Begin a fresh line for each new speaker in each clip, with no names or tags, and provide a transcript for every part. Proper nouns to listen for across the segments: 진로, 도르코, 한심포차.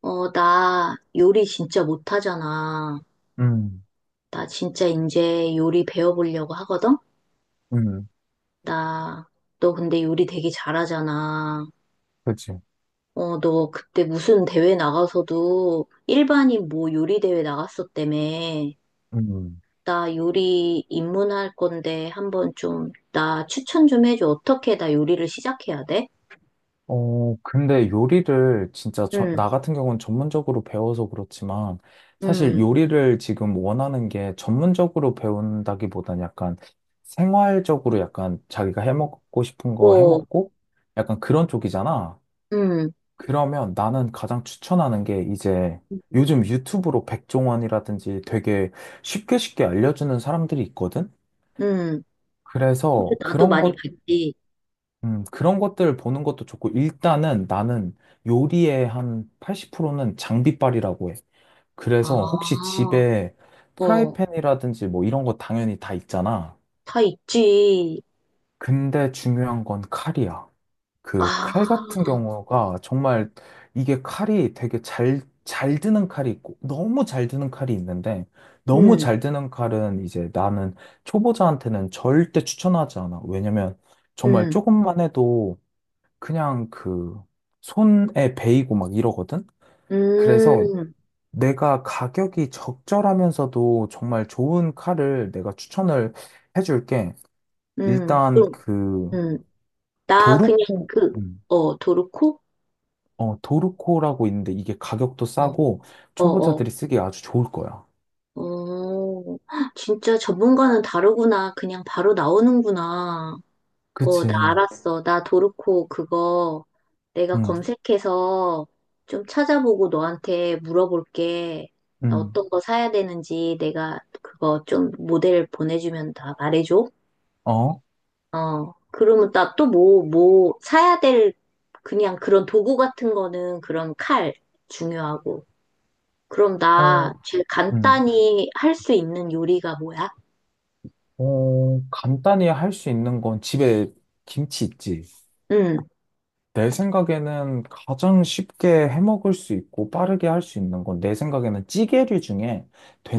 나 요리 진짜 못하잖아.
음.
나 진짜 이제 요리 배워보려고 하거든?
음.
나, 너 근데 요리 되게 잘하잖아.
그치.
너 그때 무슨 대회 나가서도 일반인 뭐 요리 대회 나갔었다며.
음.
나 요리 입문할 건데 한번 좀, 나 추천 좀 해줘. 어떻게 나 요리를 시작해야 돼?
근데 요리를 진짜
응,
나 같은 경우는 전문적으로 배워서 그렇지만 사실
응,
요리를 지금 원하는 게 전문적으로 배운다기보단 약간 생활적으로 약간 자기가 해먹고 싶은 거
어,
해먹고 약간 그런 쪽이잖아.
응,
그러면 나는 가장 추천하는 게 이제 요즘 유튜브로 백종원이라든지 되게 쉽게 쉽게 알려주는 사람들이 있거든?
응. 그래서
그래서
나도 많이 봤지.
그런 것들 보는 것도 좋고, 일단은 나는 요리의 한 80%는 장비빨이라고 해. 그래서 혹시
아,
집에
어.
프라이팬이라든지 뭐 이런 거 당연히 다 있잖아.
다 있지.
근데 중요한 건 칼이야. 그 칼
아,
같은 경우가 정말 이게 칼이 되게 잘 드는 칼이 있고, 너무 잘 드는 칼이 있는데, 너무
음,
잘 드는 칼은 이제 나는 초보자한테는 절대 추천하지 않아. 왜냐면 정말
음,
조금만 해도 그냥 그 손에 베이고 막 이러거든? 그래서
음,
내가 가격이 적절하면서도 정말 좋은 칼을 내가 추천을 해줄게. 일단
그럼,
그
음. 나 그냥
도르코,
그,
음,
어, 도르코?
도르코라고 있는데 이게 가격도
어,
싸고
어, 어.
초보자들이 쓰기 아주 좋을 거야.
어, 진짜 전문가는 다르구나. 그냥 바로 나오는구나. 어,
그치.
나 알았어. 나 도르코 그거 내가
응.
검색해서 좀 찾아보고 너한테 물어볼게. 나
응.
어떤 거 사야 되는지 내가 그거 좀 모델 보내주면 다 말해줘.
어.
어, 그러면 나 또 뭐, 사야 될, 그냥 그런 도구 같은 거는 그런 칼 중요하고. 그럼 나
어.
제일
응.
간단히 할 수 있는 요리가 뭐야?
간단히 할 수 있는 건 집에 김치 있지.
응,
내 생각에는 가장 쉽게 해먹을 수 있고 빠르게 할 수 있는 건 내 생각에는 찌개류 중에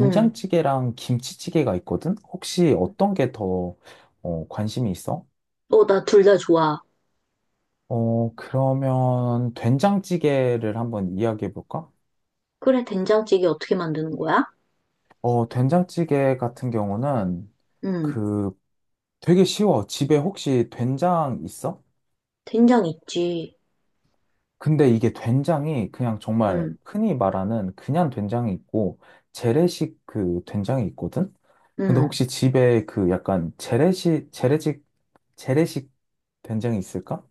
응.
김치찌개가 있거든? 혹시 어떤 게 더, 관심이 있어?
어, 나 둘 다 좋아.
그러면 된장찌개를 한번 이야기해 볼까?
그래, 된장찌개 어떻게 만드는 거야?
된장찌개 같은 경우는
응,
그 되게 쉬워. 집에 혹시 된장 있어?
된장 있지.
근데 이게 된장이 그냥 정말
응,
흔히 말하는 그냥 된장이 있고 재래식 그 된장이 있거든? 근데
응.
혹시 집에 그 약간 재래식 된장이 있을까?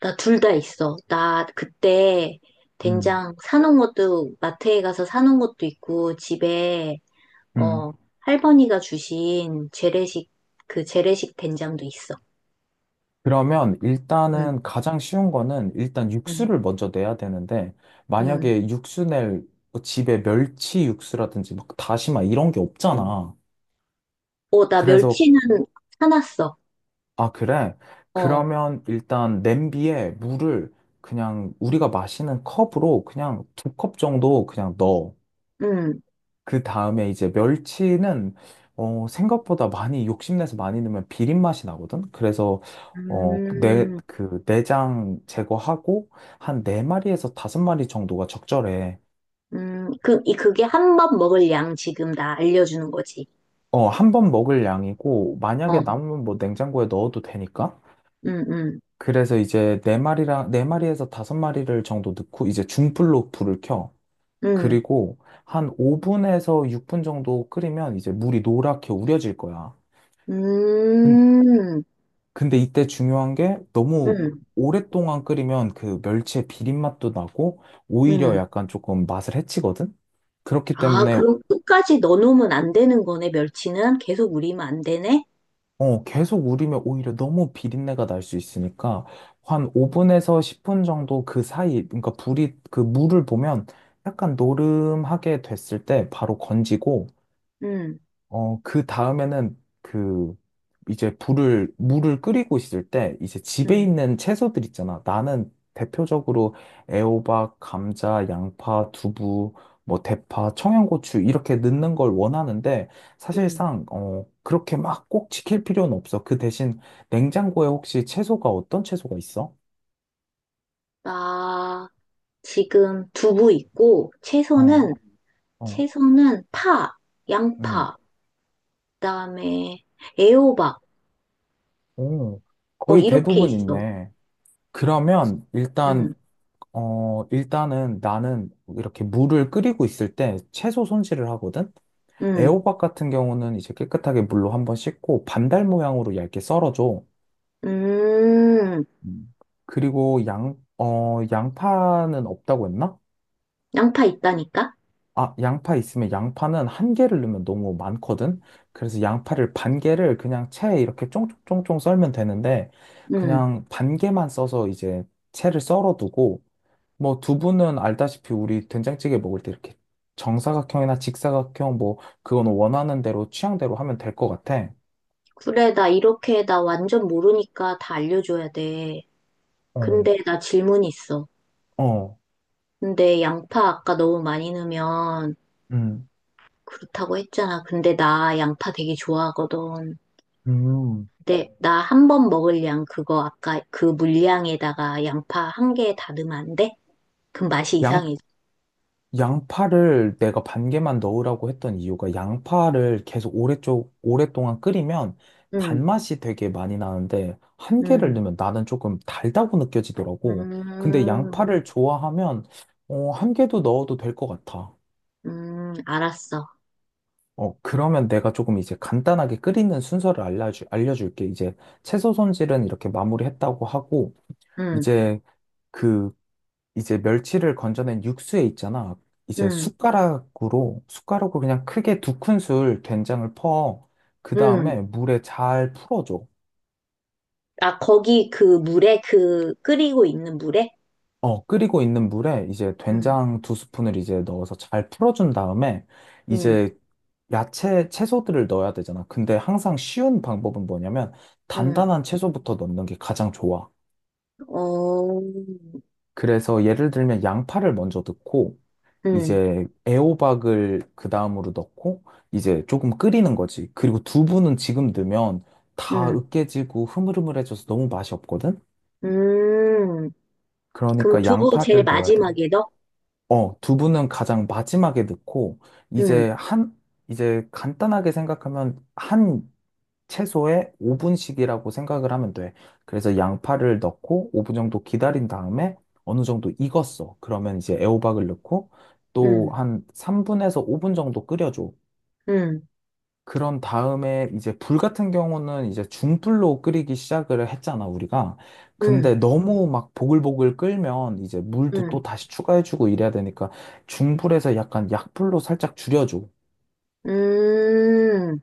나 둘 다 있어. 나 그때
음.
된장 사놓은 것도, 마트에 가서 사놓은 것도 있고, 집에
음.
어, 할머니가 주신 재래식, 그 재래식 된장도 있어.
그러면
응,
일단은 가장 쉬운 거는 일단
응,
육수를 먼저 내야 되는데
응.
만약에 육수 낼 집에 멸치 육수라든지 막 다시마 이런 게 없잖아.
어, 나
그래서.
멸치는 사놨어.
아, 그래?
어,
그러면 일단 냄비에 물을 그냥 우리가 마시는 컵으로 그냥 2컵 정도 그냥 넣어.
응.
그 다음에 이제 멸치는 생각보다 많이 욕심내서 많이 넣으면 비린 맛이 나거든? 그래서
음,
그 내장 제거하고 한 네마리에서 5마리 정도가 적절해.
그, 이, 그게 한 번 먹을 양 지금 나 알려주는 거지.
한 번 먹을 양이고 만약에
어,
남으면 뭐 냉장고에 넣어도 되니까.
응, 응,
그래서 이제 네 마리에서 다섯 마리를 정도 넣고 이제 중불로 불을 켜.
응,
그리고 한 5분에서 6분 정도 끓이면 이제 물이 노랗게 우려질 거야. 근-
음,
근데 이때 중요한 게 너무
응,
오랫동안 끓이면 그 멸치의 비린 맛도 나고
응.
오히려 약간 조금 맛을 해치거든. 그렇기
아,
때문에
그럼 끝까지 넣어놓으면 안 되는 거네, 멸치는? 계속 우리면 안 되네?
계속 우리면 오히려 너무 비린내가 날 수 있으니까 한 5분에서 10분 정도 그 사이, 그러니까 불이 그 물을 보면 약간 노름하게 됐을 때 바로 건지고,
응,
그 다음에는 이제 불을 물을 끓이고 있을 때 이제 집에
응,
있는 채소들 있잖아. 나는 대표적으로 애호박, 감자, 양파, 두부, 뭐 대파, 청양고추 이렇게 넣는 걸 원하는데
응.
사실상 그렇게 막 꼭 지킬 필요는 없어. 그 대신 냉장고에 혹시 채소가 어떤 채소가 있어?
나, 지금 두부 있고
어.
채소는
어.
채소는 파,
음.
양파, 그다음에 애호박
오,
어
거의
이렇게
대부분
있어.
있네. 그러면
응
일단은 나는 이렇게 물을 끓이고 있을 때 채소 손질을 하거든?
응
애호박 같은 경우는 이제 깨끗하게 물로 한번 씻고 반달 모양으로 얇게 썰어줘.
음,
음. 그리고 양파는 없다고 했나?
양파 있다니까?
아, 양파 있으면 양파는 한 개를 넣으면 너무 많거든? 그래서 양파를 반 개를 그냥 채에 이렇게 쫑쫑쫑쫑 썰면 되는데,
응
그냥 반 개만 써서 이제 채를 썰어두고, 뭐 두부는 알다시피 우리 된장찌개 먹을 때 이렇게 정사각형이나 직사각형 뭐 그건 원하는 대로 취향대로 하면 될 것 같아.
그래 나 이렇게 나 완전 모르니까 다 알려줘야 돼.
어.
근데 나 질문이 있어.
어.
근데 양파 아까 너무 많이 넣으면
음.
그렇다고 했잖아. 근데 나 양파 되게 좋아하거든.
음,
네, 나 한 번 먹을 양 그거 아까 그 물량에다가 양파 한 개 다듬으면 안 돼? 그럼 맛이
양,
이상해져.
양파를 내가 반 개만 넣으라고 했던 이유가 양파를 계속 오랫동안 끓이면
응,
단맛이 되게 많이 나는데 한 개를
응,
넣으면 나는 조금 달다고 느껴지더라고. 근데
음,
양파를 좋아하면 한 개도 넣어도 될 것 같아.
알았어.
그러면 내가 조금 이제 간단하게 끓이는 순서를 알려줄게. 이제 채소 손질은 이렇게 마무리했다고 하고,
응,
이제 그, 이제 멸치를 건져낸 육수에 있잖아. 이제
응,
숟가락으로 그냥 크게 2큰술 된장을 퍼. 그
응.
다음에 물에 잘 풀어줘.
아, 거기 그 물에, 그 끓이고 있는 물에?
끓이고 있는 물에 이제
응,
된장 두 스푼을 이제 넣어서 잘 풀어준 다음에
응,
이제 채소들을 넣어야 되잖아. 근데 항상 쉬운 방법은 뭐냐면
응.
단단한 채소부터 넣는 게 가장 좋아.
어,
그래서 예를 들면 양파를 먼저 넣고
응,
이제 애호박을 그 다음으로 넣고 이제 조금 끓이는 거지. 그리고 두부는 지금 넣으면 다
응,
으깨지고 흐물흐물해져서 너무 맛이 없거든?
음. 그럼
그러니까
두부 제일
양파를 넣어야 돼.
마지막에 넣어?
두부는 가장 마지막에 넣고
응,
이제 한 이제 간단하게 생각하면 한 최소에 5분씩이라고 생각을 하면 돼. 그래서 양파를 넣고 5분 정도 기다린 다음에 어느 정도 익었어. 그러면 이제 애호박을 넣고 또
응,
한 3분에서 5분 정도 끓여줘.
응,
그런 다음에 이제 불 같은 경우는 이제 중불로 끓이기 시작을 했잖아, 우리가.
응,
근데 너무 막 보글보글 끓면 이제 물도
응,
또 다시 추가해주고 이래야 되니까 중불에서 약간 약불로 살짝 줄여줘.
음,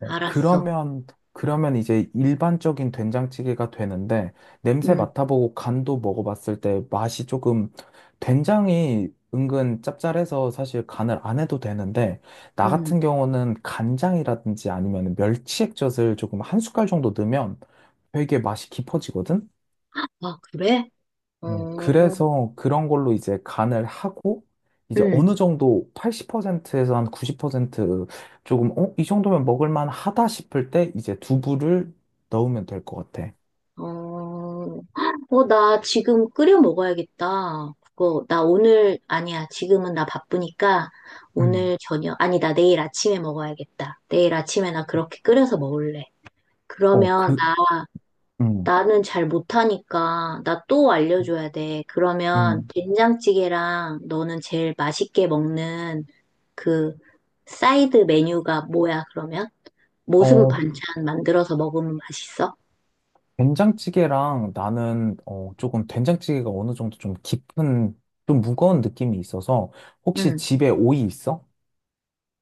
어,
알았어.
그러면, 그러면 이제 일반적인 된장찌개가 되는데, 냄새
음.
맡아보고 간도 먹어봤을 때 맛이 조금, 된장이 은근 짭짤해서 사실 간을 안 해도 되는데, 나
음.
같은 경우는 간장이라든지 아니면 멸치액젓을 조금 한 숟갈 정도 넣으면 되게 맛이 깊어지거든?
아, 그래? 어,
그래서 그런 걸로 이제 간을 하고, 이제
응
어느 정도 80%에서 한 90% 조금, 이 정도면 먹을만 하다 싶을 때 이제 두부를 넣으면 될 것 같아.
어, 어, 나 지금 끓여 먹어야겠다. 그거, 나 오늘, 아니야. 지금은 나 바쁘니까
음.
오늘 저녁, 아니, 나 내일 아침에 먹어야겠다. 내일 아침에 나 그렇게 끓여서 먹을래.
어,
그러면
그,
나,
음.
나는 잘 못하니까 나 또 알려줘야 돼. 그러면
음.
된장찌개랑 너는 제일 맛있게 먹는 그 사이드 메뉴가 뭐야, 그러면? 모습
어,
반찬 만들어서 먹으면 맛있어?
된장찌개랑 나는, 조금 된장찌개가 어느 정도 좀 깊은, 좀 무거운 느낌이 있어서, 혹시
응.
집에 오이 있어?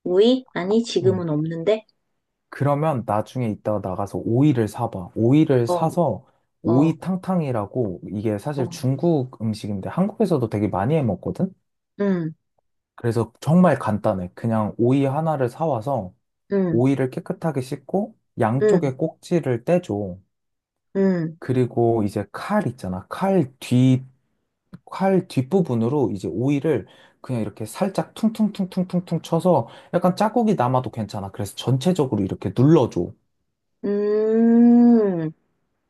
오이 아니,
음.
지금은 없는데?
그러면 나중에 이따가 나가서 오이를 사봐. 오이를
어,
사서
어,
오이탕탕이라고 이게 사실
어.
중국 음식인데 한국에서도 되게 많이 해 먹거든?
응,
그래서 정말 간단해. 그냥 오이 하나를 사와서
응,
오이를 깨끗하게 씻고 양쪽에
응,
꼭지를 떼줘.
응,
그리고 이제 칼 있잖아. 칼 뒷부분으로 이제 오이를 그냥 이렇게 살짝 퉁퉁퉁퉁퉁퉁 쳐서 약간 자국이 남아도 괜찮아. 그래서 전체적으로 이렇게 눌러줘.
음,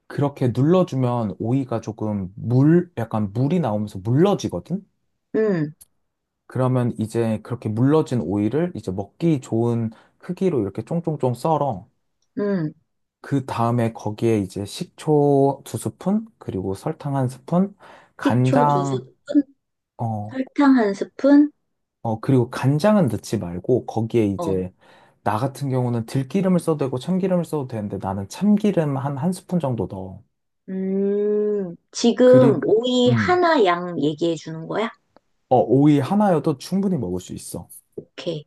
그렇게 눌러주면 오이가 조금 약간 물이 나오면서 물러지거든?
응,
그러면 이제 그렇게 물러진 오이를 이제 먹기 좋은 크기로 이렇게 쫑쫑쫑 썰어.
응.
그 다음에 거기에 이제 식초 2스푼, 그리고 설탕 1스푼,
식초 두
간장,
스푼,
어,
설탕 한 스푼?
그리고 간장은 넣지 말고 거기에
어,
이제 나 같은 경우는 들기름을 써도 되고 참기름을 써도 되는데 나는 참기름 1스푼 정도 넣어. 그리고,
지금 오이
음,
하나 양 얘기해 주는 거야?
오이 하나여도 충분히 먹을 수 있어.
오케이.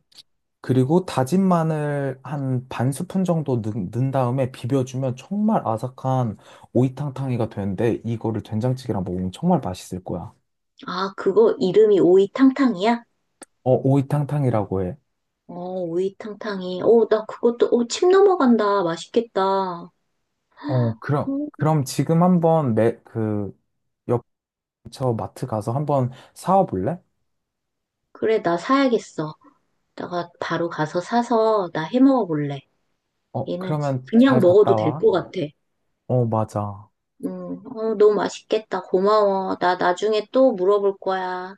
그리고 다진 마늘 한 반 스푼 정도 넣, 은 다음에 비벼주면 정말 아삭한 오이탕탕이가 되는데 이거를 된장찌개랑 먹으면 정말 맛있을 거야.
아, 그거 이름이 오이탕탕이야?
오이탕탕이라고 해.
어, 오이탕탕이. 어, 나 그것도, 어, 침 넘어간다. 맛있겠다. 어,
그럼 지금 한번 매, 그 옆처 마트 가서 한번 사와 볼래?
그래, 나 사야겠어. 내가 바로 가서 사서 나 해 먹어 볼래. 얘는
그러면
그냥
잘
먹어도
갔다
될
와.
것 같아.
어, 맞아.
어, 너무 맛있겠다. 고마워. 나 나중에 또 물어볼 거야.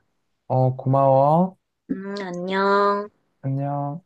어, 고마워.
안녕.
안녕.